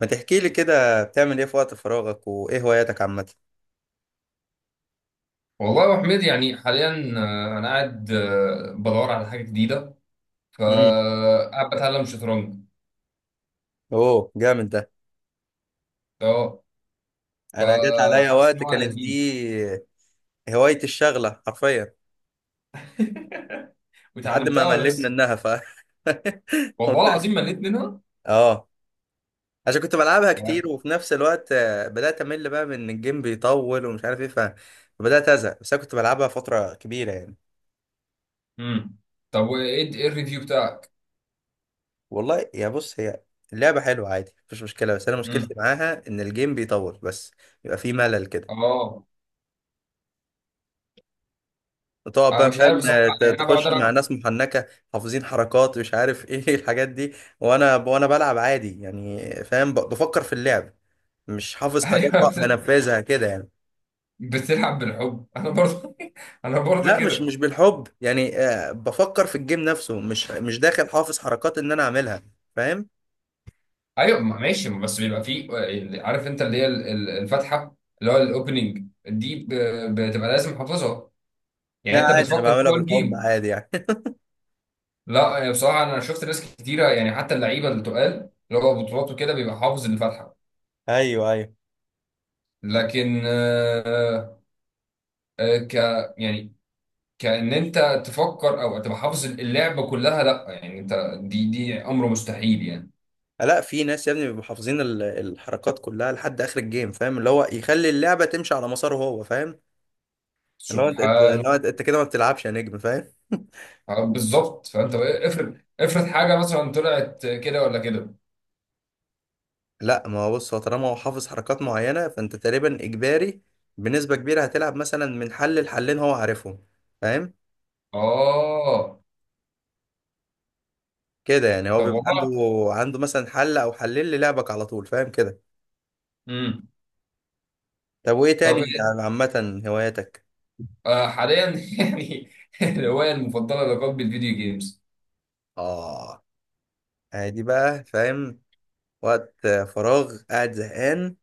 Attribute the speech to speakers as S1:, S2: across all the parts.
S1: ما تحكي لي كده بتعمل ايه في وقت فراغك وايه هواياتك عامة؟
S2: والله يا أبو حميد، يعني حاليا انا قاعد، بدور على حاجه جديده،
S1: امم.
S2: فقاعد بتعلم شطرنج.
S1: اوه، جامد ده.
S2: اه،
S1: انا جت عليا
S2: فحاسس ان
S1: وقت
S2: هو
S1: كانت دي
S2: لذيذ.
S1: هوايتي الشغلة حرفيا لحد ما
S2: وتعلمتها ولا
S1: مليت
S2: لسه؟
S1: منها
S2: والله
S1: قمت-
S2: العظيم مليت منها.
S1: اه. عشان كنت بلعبها كتير وفي نفس الوقت بدأت امل بقى من إن الجيم بيطول ومش عارف ايه فبدأت ازهق، بس انا كنت بلعبها فترة كبيرة يعني.
S2: امم، طب وايه الريفيو بتاعك؟
S1: والله، يا بص، هي اللعبة حلوة عادي، مفيش مشكلة، بس انا مشكلتي
S2: امم،
S1: معاها ان الجيم بيطول بس. يبقى فيه ملل كده.
S2: اه،
S1: تقعد
S2: انا
S1: بقى،
S2: مش عارف
S1: فاهم.
S2: بصراحه، يعني انا بقعد
S1: تخش مع
S2: العب.
S1: ناس محنكه، حافظين حركات، مش عارف ايه الحاجات دي. وانا بلعب عادي يعني. فاهم، بفكر في اللعب. مش حافظ حاجات بقى
S2: ايوه،
S1: بنفذها كده يعني.
S2: بتلعب بالحب؟ انا برضه، انا برضه
S1: لا، مش
S2: كده.
S1: مش بالحب يعني، بفكر في الجيم نفسه، مش داخل حافظ حركات ان انا اعملها. فاهم.
S2: ايوه، ماشي، بس بيبقى فيه عارف، انت اللي هي الفاتحه اللي هو الاوبننج دي، بتبقى لازم حافظها. يعني
S1: لا
S2: انت
S1: عادي، انا
S2: بتفكر
S1: بعملها
S2: جوه
S1: بالحب
S2: الجيم؟
S1: عادي يعني.
S2: لا، يعني بصراحه انا شفت ناس كتيره، يعني حتى اللعيبه اللي تقال، اللي هو بطولاته كده بيبقى حافظ الفاتحه.
S1: ايوه، ايوه.
S2: لكن آه، ك يعني كأن انت تفكر او تبقى حافظ اللعبه كلها، لا يعني انت دي امر مستحيل يعني.
S1: لا، في ناس يا ابني بيبقوا حافظين الحركات كلها لحد اخر الجيم، فاهم، اللي هو يخلي اللعبه تمشي على مساره هو، فاهم. اللي هو
S2: سبحان.
S1: اللي هو انت كده ما بتلعبش يا نجم، فاهم.
S2: بالظبط. فانت بقى افرض، افرض حاجه مثلا طلعت كده ولا كده.
S1: لا، ما هو بص، هو طالما هو حافظ حركات معينة، فأنت تقريبا إجباري بنسبة كبيرة هتلعب مثلا من حل لحلين هو عارفهم، فاهم
S2: اه،
S1: كده يعني. هو
S2: طب
S1: بيبقى عنده
S2: والله.
S1: عنده مثلا حل أو حلين للعبك على طول، فاهم كده.
S2: امم.
S1: طب وإيه تاني
S2: طب
S1: يعني، عامة هواياتك؟
S2: حاليا، يعني الهوايه المفضله لقلب الفيديو جيمز.
S1: آه، عادي بقى، فاهم. وقت فراغ، قاعد زهقان،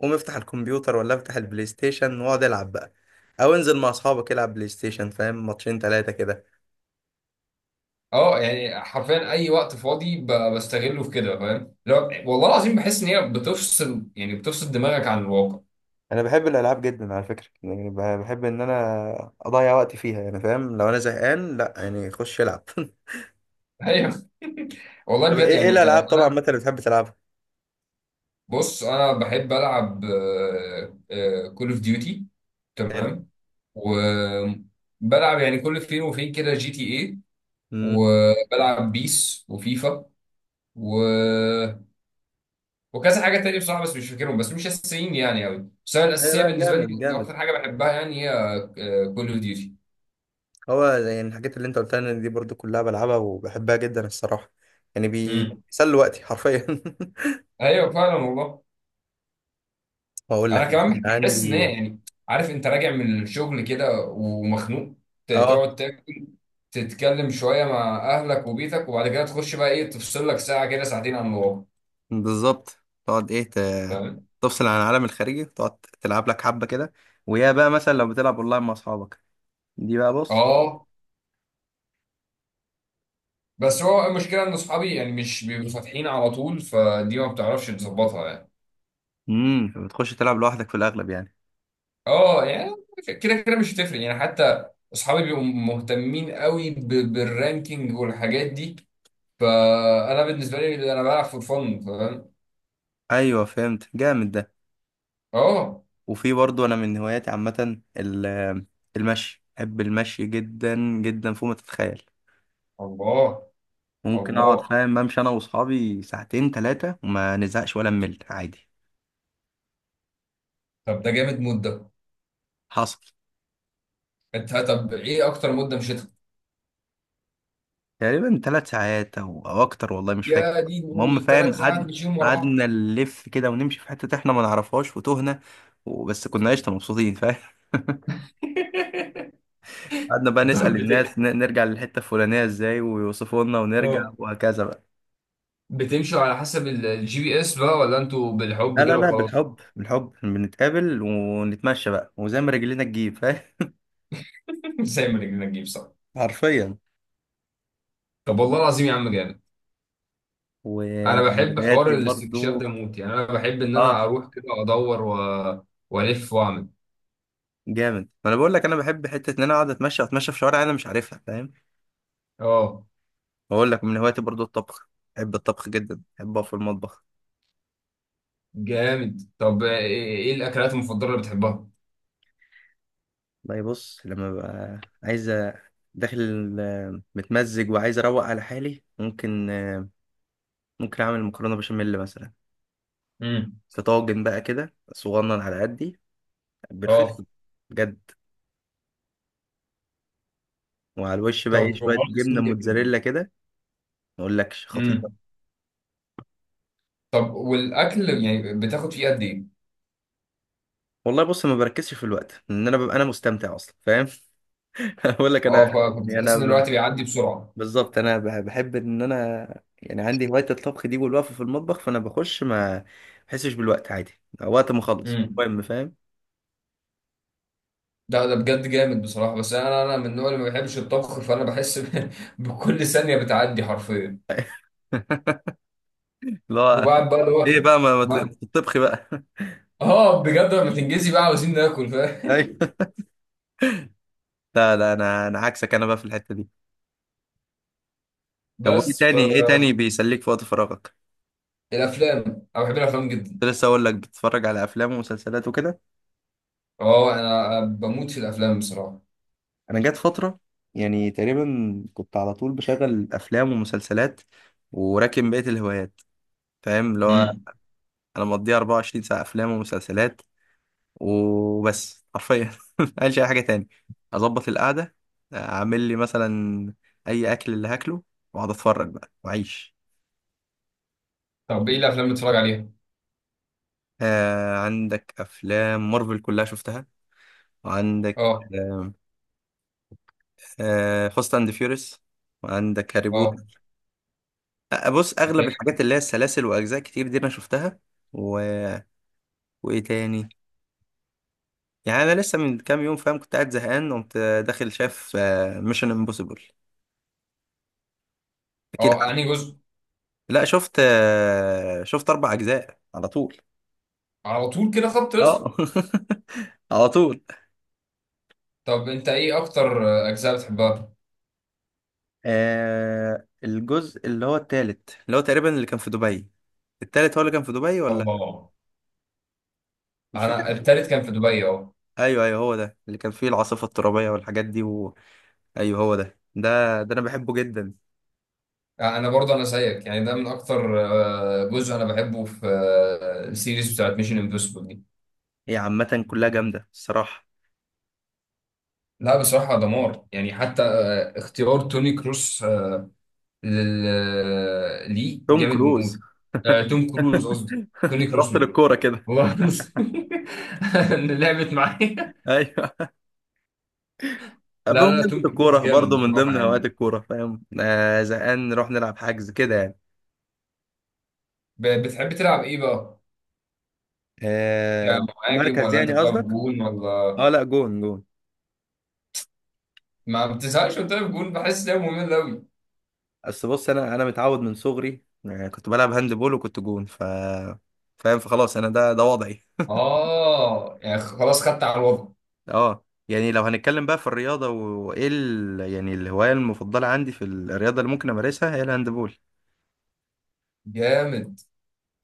S1: قوم افتح الكمبيوتر ولا افتح البلاي ستيشن واقعد العب بقى، أو انزل مع أصحابك العب بلاي ستيشن، فاهم، ماتشين تلاتة كده.
S2: اه، يعني حرفيا اي وقت فاضي بستغله في كده، فاهم؟ لو والله العظيم بحس ان هي بتفصل، يعني بتفصل دماغك عن الواقع.
S1: انا بحب الالعاب جدا على فكره يعني، بحب ان انا اضيع وقتي فيها يعني، فاهم. لو انا زهقان، لا يعني، خش العب
S2: ايوه. والله
S1: طب،
S2: بجد
S1: ايه
S2: يعني،
S1: الالعاب
S2: انا
S1: طبعا مثلا اللي بتحب تلعبها؟
S2: بص انا بحب العب كول اوف ديوتي،
S1: حلو.
S2: تمام. وبلعب يعني كل فين وفين كده جي تي اي،
S1: امم.
S2: وبلعب بيس وفيفا، و وكذا حاجه تانية بصراحه، بس مش فاكرهم، بس مش اساسيين يعني قوي. بس انا
S1: لا
S2: الاساسيه
S1: لا،
S2: بالنسبه
S1: جامد
S2: لي،
S1: جامد.
S2: اكتر حاجه بحبها يعني هي كول اوف ديوتي.
S1: هو يعني الحاجات اللي انت قلتها لي دي برضو كلها بلعبها وبحبها جدا الصراحه، يعني بيسلوا وقتي حرفيا
S2: ايوه فعلا والله.
S1: واقول
S2: انا
S1: لك مثلاً
S2: كمان بحس ان
S1: عندي.
S2: هي يعني، عارف، انت راجع من الشغل كده ومخنوق،
S1: اه،
S2: تقعد تاكل، تتكلم شويه مع اهلك وبيتك، وبعد كده تخش بقى ايه، تفصل لك ساعه كده، ساعتين عن الواقع،
S1: بالظبط. تقعد ايه
S2: فاهم؟
S1: تفصل عن العالم الخارجي، تقعد تلعب لك حبه كده، ويا بقى مثلا لو بتلعب اونلاين مع اصحابك، دي بقى بص.
S2: اه، بس هو المشكله ان اصحابي يعني مش بيبقوا فاتحين على طول، فدي ما بتعرفش تظبطها يعني.
S1: فبتخش تلعب لوحدك في الاغلب يعني.
S2: اه، يعني كده كده مش هتفرق يعني. حتى اصحابي بيبقوا مهتمين قوي بالرانكينج والحاجات دي، فانا بالنسبه لي انا بلعب فور فن، فاهم؟
S1: ايوه، فهمت، جامد ده.
S2: اه.
S1: وفي برضه انا من هواياتي عامه المشي، بحب المشي جدا جدا فوق ما تتخيل.
S2: الله،
S1: ممكن اقعد،
S2: الله.
S1: فاهم، امشي انا واصحابي ساعتين 3 وما نزهقش ولا نمل عادي.
S2: طب ده جامد مدة.
S1: حصل.
S2: انت طب ايه اكتر مدة مشيتها؟
S1: تقريبا 3 ساعات او اكتر، والله مش فاكر.
S2: يا دين
S1: المهم
S2: امي،
S1: فاهم،
S2: 3 ساعات
S1: قعدنا
S2: مشيهم ورا بعض؟
S1: قعدنا نلف كده ونمشي في حته احنا ما نعرفهاش وتهنا، وبس كنا قشطه مبسوطين، فاهم. قعدنا بقى
S2: طب
S1: نسأل
S2: بت،
S1: الناس نرجع للحتة الفلانية ازاي، ويوصفوا لنا ونرجع
S2: اه
S1: وهكذا بقى.
S2: بتمشوا على حسب الجي بي اس بقى، ولا انتوا
S1: لا
S2: بالحب
S1: لا
S2: كده
S1: لا،
S2: وخلاص؟
S1: بالحب بالحب، بنتقابل ونتمشى بقى وزي ما رجلينا تجيب، فاهم.
S2: زي ما رجلنا تجيب، صح.
S1: حرفيا.
S2: طب والله العظيم يا عم جامد. انا
S1: ومن
S2: بحب
S1: هواياتي
S2: حوار الاستكشاف
S1: برضو.
S2: ده موت، يعني انا بحب ان
S1: اه.
S2: انا اروح كده ادور و والف واعمل.
S1: جامد، ما انا بقول لك، انا بحب حتة ان انا اقعد اتمشى في شوارع انا مش عارفها، فاهم.
S2: اه.
S1: بقول لك من هواياتي برضو الطبخ، بحب الطبخ جدا، بحب اقف في المطبخ.
S2: جامد. طب ايه الاكلات المفضلة اللي بتحبها؟
S1: والله، بص، لما ببقى عايز داخل، متمزج وعايز اروق على حالي، ممكن اعمل مكرونه بشاميل مثلا،
S2: امم.
S1: في طاجن بقى كده صغنن على قدي بالفلفل،
S2: اه،
S1: بجد، وعلى الوش بقى ايه
S2: طب
S1: شويه
S2: والله
S1: جبنه
S2: العظيم.
S1: موتزاريلا كده، ما اقولكش خطيره.
S2: جامد. طب والاكل يعني بتاخد فيه قد ايه؟
S1: والله بص، ما بركزش في الوقت لان انا ببقى انا مستمتع اصلا، فاهم. اقول لك انا،
S2: اه،
S1: يعني
S2: فبتحس ان الوقت بيعدي بسرعه.
S1: بالظبط، انا بحب ان انا يعني عندي هوايه الطبخ دي والوقفه في المطبخ، فانا بخش ما بحسش بالوقت عادي، وقت ما اخلص
S2: امم.
S1: المهم، فاهم.
S2: ده بجد جامد بصراحه، بس انا، انا من النوع اللي ما بيحبش الطبخ، فانا بحس بكل ثانيه بتعدي حرفيا،
S1: لا.
S2: وبعد بقى اللي هو
S1: ايه بقى، ما
S2: ما-
S1: تطبخي بقى
S2: اه بجد، لما تنجزي بقى عاوزين ناكل، فاهم؟
S1: ايوه. لا لا، انا عكسك، انا بقى في الحته دي. طب، وايه
S2: بس.
S1: تاني ايه تاني بيسليك في وقت فراغك؟
S2: فالافلام، انا بحب الافلام جدا.
S1: كنت لسه اقول لك بتتفرج على افلام ومسلسلات وكده.
S2: اه، انا بموت في الافلام بصراحه.
S1: انا جت فتره، يعني تقريبا كنت على طول بشغل افلام ومسلسلات وراكن بقيه الهوايات، فاهم، اللي هو
S2: امم.
S1: انا مقضيها 24 ساعه افلام ومسلسلات وبس، حرفيا مقالش اي حاجه تاني، اظبط القعده، اعمل لي مثلا اي اكل اللي هاكله، واقعد اتفرج بقى واعيش.
S2: طب ايه الافلام اللي بتتفرج عليها؟
S1: عندك افلام مارفل كلها شفتها، وعندك
S2: اه.
S1: فاست اند فيوريس، وعندك هاري
S2: اه.
S1: بوتر. بص، اغلب الحاجات اللي هي السلاسل واجزاء كتير دي انا شفتها و... وايه تاني. يعني انا لسه من كام يوم، فاهم، كنت قاعد زهقان، قمت داخل شاف ميشن امبوسيبل، اكيد
S2: اه، انهي
S1: عارف.
S2: جزء؟
S1: لا، شفت 4 اجزاء على طول.
S2: على طول كده خط رسم؟
S1: اه. على طول.
S2: طب انت ايه اكتر اجزاء بتحبها؟
S1: الجزء اللي هو التالت، اللي هو تقريبا اللي كان في دبي، التالت هو اللي كان في دبي ولا،
S2: اه،
S1: مش
S2: انا
S1: فاكر.
S2: التالت كان في دبي، اه.
S1: ايوه ايوه، هو ده اللي كان فيه العاصفه الترابيه والحاجات دي، ايوه هو ده انا بحبه جدا.
S2: انا برضه، انا زيك يعني، ده من اكتر جزء انا بحبه في السيريز بتاعت ميشن امبوسيبل دي.
S1: هي عامه كلها جامده الصراحه.
S2: لا بصراحه دمار، يعني حتى اختيار توني كروس، ليه
S1: توم
S2: جامد
S1: كروز.
S2: موت. توم كروز قصدي. توني
S1: أنت
S2: كروز
S1: رحت
S2: مين؟
S1: للكوره كده.
S2: والله اللي لعبت معايا.
S1: ايوه،
S2: لا لا لا،
S1: بمناسبه
S2: توم كروز
S1: الكوره
S2: جامد
S1: برضه، من ضمن
S2: بصراحه
S1: هوايات
S2: يعني.
S1: الكوره، فاهم، زهقان نروح نلعب حجز كده يعني.
S2: بتحب تلعب ايه بقى، كمهاجم
S1: مركز
S2: ولا انت
S1: يعني
S2: بتلعب
S1: قصدك؟
S2: جون ولا؟
S1: اه، لا، جون جون.
S2: ما بتزهقش وانت واقف جون؟ بحس ان هي ممله قوي.
S1: اصل بص، انا متعود من صغري، كنت بلعب هاند بول وكنت جون، فاهم، فخلاص انا ده وضعي.
S2: اه يعني خلاص، خدت على الوضع.
S1: اه يعني، لو هنتكلم بقى في الرياضة، وايه يعني الهواية المفضلة عندي في الرياضة اللي ممكن امارسها هي الهاندبول.
S2: جامد.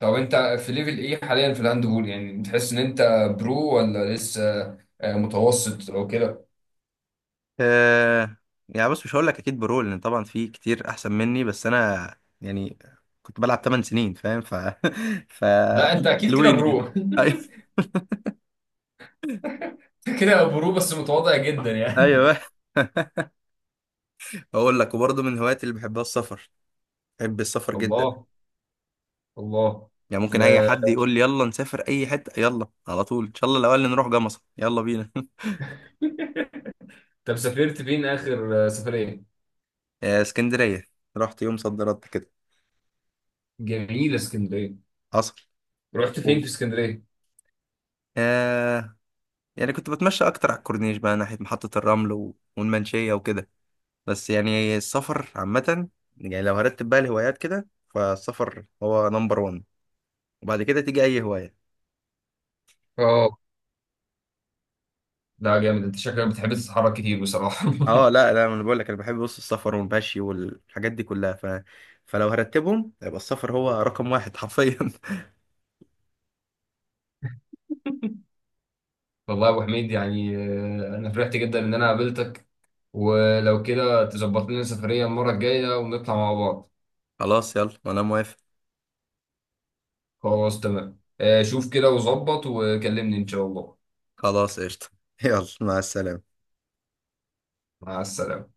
S2: طب انت في ليفل ايه حاليا في الهاند بول؟ يعني تحس ان انت برو ولا لسه متوسط او كده؟
S1: آه. يعني بص، مش هقول لك اكيد برول لان طبعا في كتير احسن مني، بس انا يعني، كنت بلعب 8 سنين، فاهم ف
S2: لا انت اكيد كده
S1: حلوين
S2: برو.
S1: يعني، أيوة.
S2: انت كده برو بس متواضع جدا يعني.
S1: ايوه. اقول لك، وبرضه من هواياتي اللي بحبها السفر، بحب السفر جدا.
S2: الله، الله.
S1: يعني ممكن اي
S2: ب-
S1: حد يقول لي يلا نسافر اي حته، يلا على طول، ان شاء الله الاول نروح جمصة، يلا بينا
S2: طب سافرت فين اخر سفريه؟
S1: اسكندريه، رحت يوم صد رد كده.
S2: جميله اسكندريه.
S1: حصل.
S2: رحت فين
S1: و-
S2: في اسكندريه؟
S1: آه يعني كنت بتمشى اكتر على الكورنيش بقى، ناحيه محطه الرمل والمنشيه وكده. بس يعني السفر عامه، يعني لو هرتب بقى الهوايات كده، فالسفر هو نمبر 1، وبعد كده تيجي اي هوايه.
S2: اه. ده جامد، انت شكلك بتحب تتحرك كتير بصراحه.
S1: اه، لا لا، انا بقول لك انا بحب، بص، السفر والمشي والحاجات دي كلها فلو هرتبهم يبقى السفر هو رقم واحد حرفيا.
S2: والله يا ابو حميد، يعني انا فرحت جدا ان انا قابلتك، ولو كده تظبط لنا سفريه المره الجايه ونطلع مع بعض.
S1: خلاص يلا، انا موافق.
S2: خلاص تمام، شوف كده وظبط وكلمني ان شاء الله.
S1: خلاص قشطه. يلا، مع السلامه.
S2: مع السلامه.